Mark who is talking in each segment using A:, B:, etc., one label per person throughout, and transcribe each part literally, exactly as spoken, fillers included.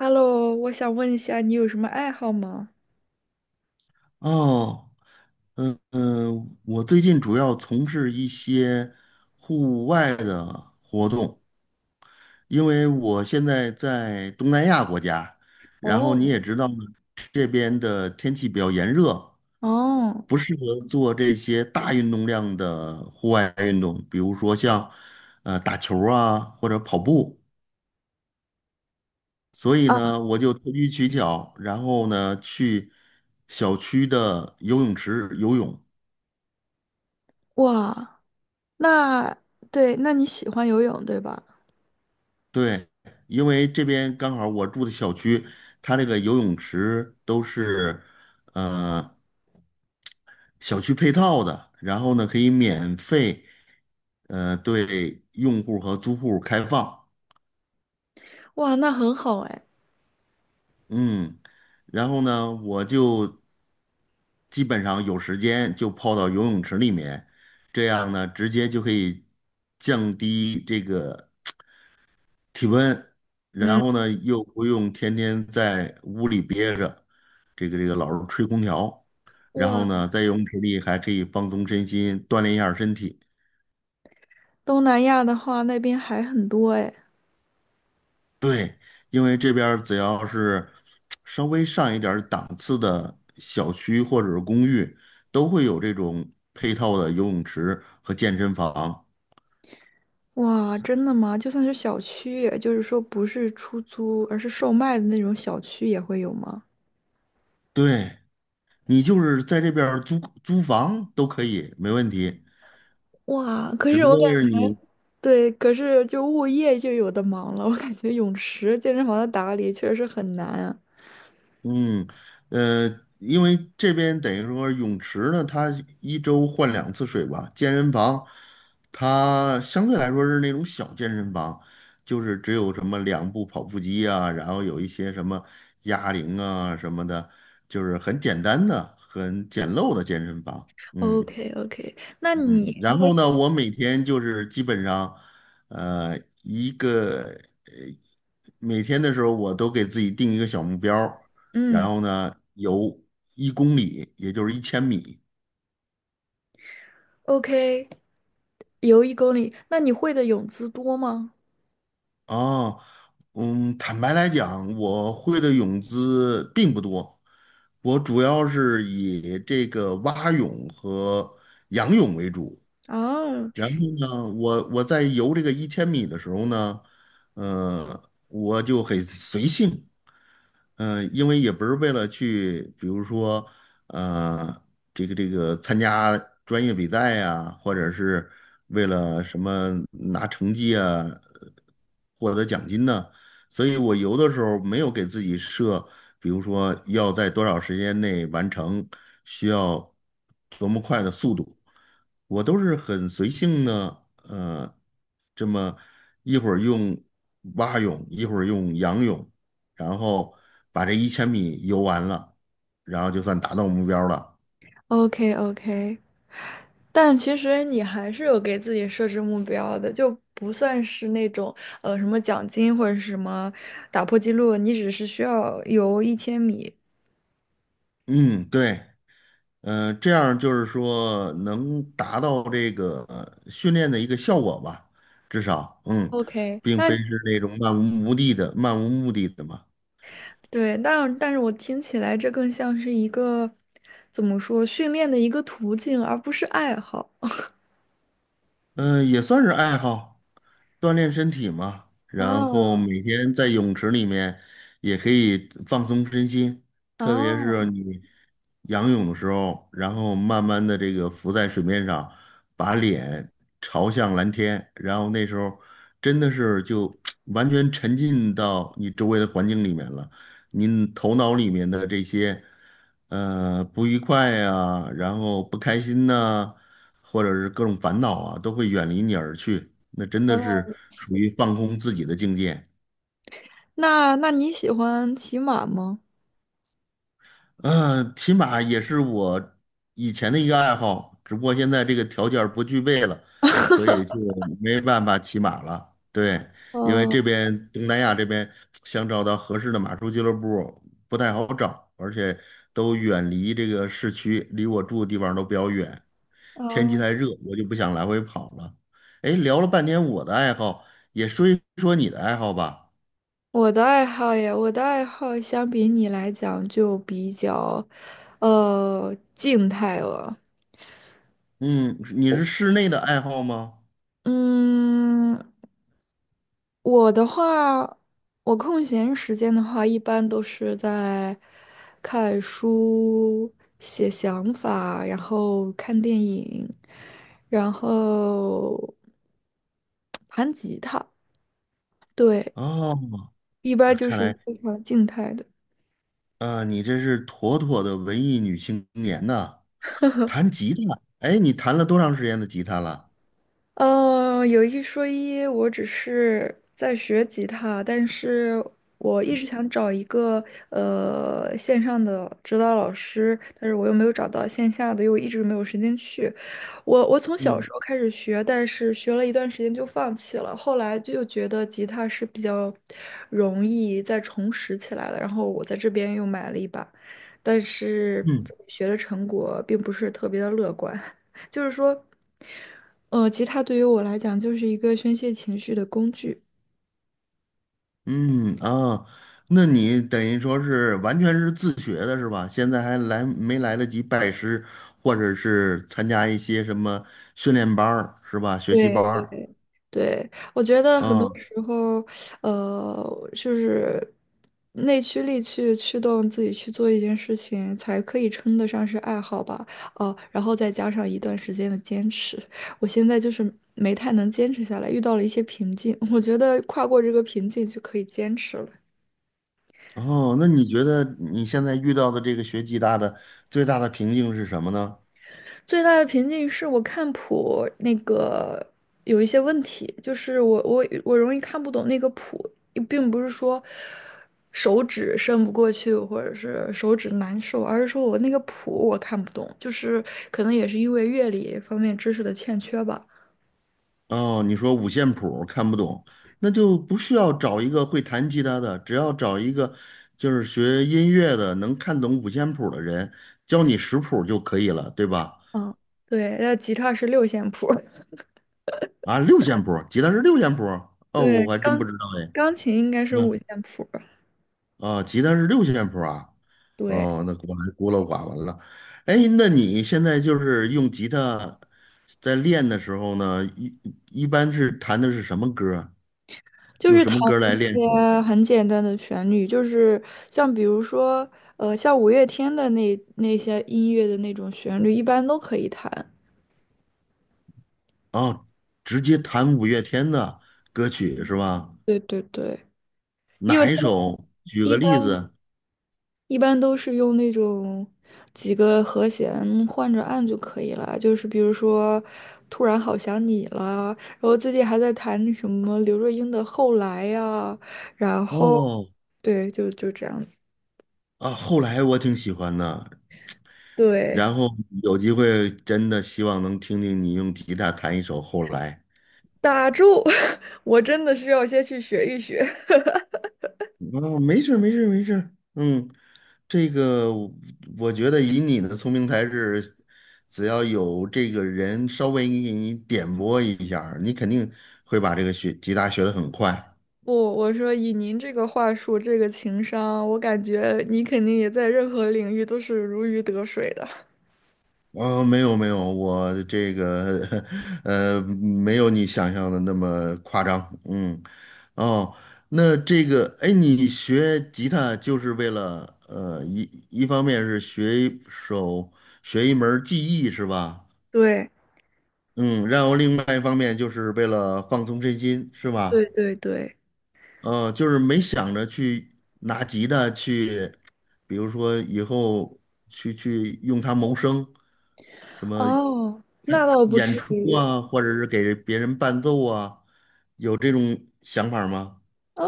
A: Hello，我想问一下，你有什么爱好吗？
B: 哦，嗯嗯，我最近主要从事一些户外的活动，因为我现在在东南亚国家，然后你
A: 哦，
B: 也知道这边的天气比较炎热，
A: 哦，
B: 不适合做这些大运动量的户外运动，比如说像呃打球儿啊或者跑步，所以
A: 啊，
B: 呢，我就投机取巧，然后呢去小区的游泳池游泳。
A: 哇，那对，那你喜欢游泳对吧？
B: 对，因为这边刚好我住的小区，它这个游泳池都是呃小区配套的，然后呢可以免费呃对用户和租户开放，
A: 哇，那很好哎。
B: 嗯，然后呢我就基本上有时间就泡到游泳池里面，这样呢直接就可以降低这个体温，然后呢又不用天天在屋里憋着，这个这个老是吹空调，然
A: 哇，
B: 后呢在游泳池里还可以放松身心，锻炼一下身体。
A: 东南亚的话，那边海很多哎。
B: 对，因为这边儿只要是稍微上一点儿档次的小区或者是公寓，都会有这种配套的游泳池和健身房。
A: 哇，真的吗？就算是小区，也就是说不是出租，而是售卖的那种小区也会有吗？
B: 对，你就是在这边儿租租房都可以，没问题。
A: 哇，可
B: 只
A: 是
B: 不
A: 我感
B: 过是
A: 觉
B: 你。
A: 对，可是就物业就有的忙了。我感觉泳池、健身房的打理确实很难啊。
B: 嗯，呃，因为这边等于说泳池呢，它一周换两次水吧。健身房，它相对来说是那种小健身房，就是只有什么两部跑步机啊，然后有一些什么哑铃啊什么的，就是很简单的、很简陋的健身房。
A: o
B: 嗯。
A: k o k 那
B: 嗯，
A: 你如
B: 然
A: 果
B: 后呢，我每天就是基本上，呃，一个呃，每天的时候我都给自己定一个小目标儿，然
A: 嗯
B: 后呢游一公里，也就是一千米
A: ，OK，游一公里，那你会的泳姿多吗？
B: 啊。嗯，坦白来讲，我会的泳姿并不多，我主要是以这个蛙泳和仰泳为主。
A: 啊
B: 然后呢，我我在游这个一千米的时候呢，呃，我就很随性，嗯，因为也不是为了去，比如说，呃，这个这个参加专业比赛呀、或者是为了什么拿成绩啊，呃获得奖金呢、所以我游的时候没有给自己设，比如说要在多少时间内完成，需要多么快的速度，我都是很随性的，呃，这么一会儿用蛙泳，一会儿用仰泳。然后把这一千米游完了，然后就算达到目标了。
A: ，OK OK，但其实你还是有给自己设置目标的，就不算是那种呃什么奖金或者是什么打破记录，你只是需要游一千米。
B: 嗯，对，嗯、这样就是说能达到这个呃训练的一个效果吧，至少，嗯，
A: OK，
B: 并非
A: 那
B: 是那种漫无目的的、漫无目的的嘛。
A: 对，但但是我听起来这更像是一个怎么说训练的一个途径，而不是爱好。
B: 嗯，也算是爱好，锻炼身体嘛。然后
A: 啊
B: 每天在泳池里面也可以放松身心，特别是
A: 啊，
B: 你仰泳的时候，然后慢慢的这个浮在水面上，把脸朝向蓝天，然后那时候真的是就 完全沉浸到你周围的环境里面了，你头脑里面的这些呃不愉快呀、然后不开心呐、或者是各种烦恼啊，都会远离你而去。那真
A: 原
B: 的
A: 来，
B: 是属于放空自己的境界。
A: 那那你喜欢骑马吗？
B: 嗯，骑马也是我以前的一个爱好，只不过现在这个条件儿不具备了，所以就没办法骑马了。对，因为
A: 哦
B: 这边东南亚这边想找到合适的马术俱乐部不太好找，而且都远离这个市区，离我住的地方都比较远。天气
A: 哦，
B: 太热，我就不想来回跑了。哎，聊了半天我的爱好，也说一说你的爱好吧。
A: 我的爱好呀，我的爱好相比你来讲就比较，呃，静态了。
B: 嗯，你是室内的爱好吗？
A: 嗯，我的话，我空闲时间的话，一般都是在看书、写想法，然后看电影，然后 弹吉他。对，
B: 哦，
A: 一般
B: 啊
A: 就
B: 看
A: 是
B: 来
A: 非常静态的。
B: 啊，你这是妥妥的文艺女青年呐。弹吉他，哎，你弹了多长时间的吉他了？
A: 嗯，有一说一，我只是在学吉他，但是我一直想找一个呃线上的指导老师，但是我又没有找到线下的，又一直没有时间去。我我从小
B: 嗯
A: 时候开始学，但是学了一段时间就放弃了，后来就觉得吉他是比较容易再重拾起来的，然后我在这边又买了一把，但是
B: 嗯
A: 自己学的成果并不是特别的乐观，就是说。呃，吉他对于我来讲就是一个宣泄情绪的工具。
B: 嗯啊，那你等于说是完全是自学的是吧？现在还来没来得及拜师，或者是参加一些什么训练班儿是吧？学习
A: 对
B: 班儿
A: 对对，我觉得很多
B: 啊。
A: 时候，呃，就是内驱力去驱动自己去做一件事情，才可以称得上是爱好吧。哦，然后再加上一段时间的坚持，我现在就是没太能坚持下来，遇到了一些瓶颈。我觉得跨过这个瓶颈就可以坚持了。
B: 哦，那你觉得你现在遇到的这个学吉他的最大的瓶颈是什么呢？
A: 最大的瓶颈是我看谱那个有一些问题，就是我我我容易看不懂那个谱，并不是说手指伸不过去或者是手指难受，而是说我那个谱我看不懂，就是可能也是因为乐理方面知识的欠缺吧。
B: 哦，你说五线谱看不懂，那就不需要找一个会弹吉他的，只要找一个就是学音乐的能看懂五线谱的人，教你识谱就可以了，对吧？
A: 嗯，对，那吉他是六线谱，
B: 啊，六线谱，吉他是六线谱，哦，
A: 对，
B: 我还真不
A: 钢
B: 知道哎。
A: 钢琴应该是五
B: 嗯
A: 线谱，
B: 啊，吉他是六线谱啊，
A: 对。
B: 哦，那果然孤陋寡闻了。哎，那你现在就是用吉他在练的时候呢，一一般是弹的是什么歌儿，
A: 就
B: 用
A: 是
B: 什
A: 弹
B: 么歌儿来练
A: 一
B: 手？
A: 些很简单的旋律，就是像比如说，呃，像五月天的那那些音乐的那种旋律，一般都可以弹。
B: 哦，直接弹五月天的歌曲是吧？
A: 对对对，
B: 哪一首？举
A: 一
B: 个例
A: 般
B: 子。
A: 一般都是用那种几个和弦换着按就可以了。就是比如说，突然好想你啦，然后最近还在弹什么刘若英的《后来》呀，然后
B: 哦，
A: 对，就就这样。
B: 啊，后来我挺喜欢的，
A: 对，
B: 然后有机会真的希望能听听你用吉他弹一首《后来》。
A: 打住！我真的需要先去学一学。
B: 哦，没事儿没事儿没事儿，嗯，这个我我觉得以你的聪明才智，只要有这个人稍微给你点拨一下儿你肯定会把这个学吉他学得很快。
A: 不，我说以您这个话术，这个情商，我感觉你肯定也在任何领域都是如鱼得水的。
B: 哦，没有没有，我这个 呃没有你想象的那么夸张，嗯，哦，那这个哎，你学吉他就是为了呃一一方面是学一手学一门儿技艺是吧？
A: 对
B: 嗯，然后另外一方面就是为了放松身心，是
A: 对
B: 吧？
A: 对对，
B: 嗯，就是没想着去拿吉他去，比如说以后去去用它谋生，什么
A: 哦，那倒不
B: 演
A: 至
B: 出
A: 于。
B: 啊，或者是给别人伴奏啊，有这种想法吗？
A: 呃，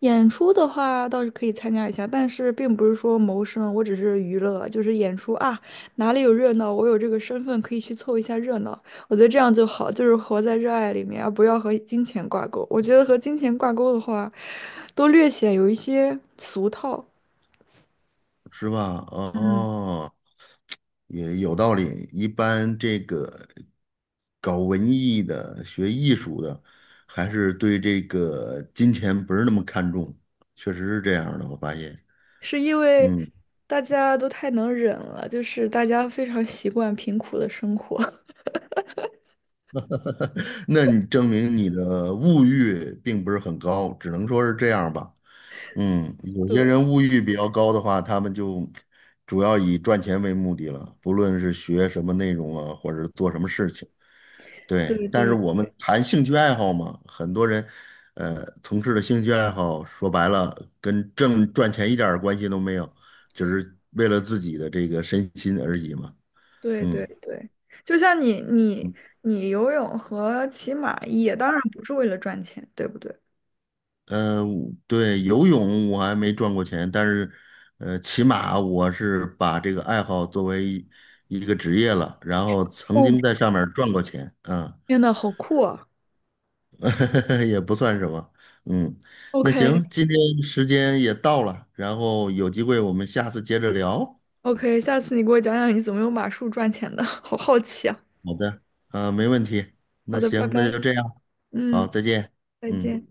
A: 演出的话倒是可以参加一下，但是并不是说谋生，我只是娱乐，就是演出啊，哪里有热闹，我有这个身份可以去凑一下热闹。我觉得这样就好，就是活在热爱里面，而不要和金钱挂钩。我觉得和金钱挂钩的话，都略显有一些俗套。
B: 是吧？
A: 嗯。
B: 哦，也有道理。一般这个搞文艺的、学艺术的，还是对这个金钱不是那么看重，确实是这样的。我发现，
A: 是因为
B: 嗯，
A: 大家都太能忍了，就是大家非常习惯贫苦的生活。
B: 那你证明你的物欲并不是很高，只能说是这样吧。嗯，有些
A: 对
B: 人物欲比较高的话，他们就主要以赚钱为目的了，不论是学什么内容啊，或者是做什么事情。对，
A: 对
B: 但是
A: 对
B: 我们谈兴趣爱好嘛，很多人，呃，从事的兴趣爱好，说白了跟挣赚钱一点儿关系都没有，只是为了自己的这个身心而已嘛。
A: 对
B: 嗯，
A: 对对，就像你你你游泳和骑马也当然不是为了赚钱，对不对？
B: 呃，对，游泳我还没赚过钱，但是，呃，起码我是把这个爱好作为一一个职业了，然后曾经
A: 哦，
B: 在上面赚过钱，啊。
A: 天呐，好酷啊
B: 也不算什么。嗯，那
A: ！OK
B: 行，今天时间也到了，然后有机会我们下次接着聊。
A: OK，下次你给我讲讲你怎么用马术赚钱的，好好奇啊。
B: 好的，呃，没问题。
A: 好
B: 那
A: 的，拜
B: 行，那
A: 拜。
B: 就这样，好，
A: 嗯，
B: 再见。
A: 再
B: 嗯。
A: 见。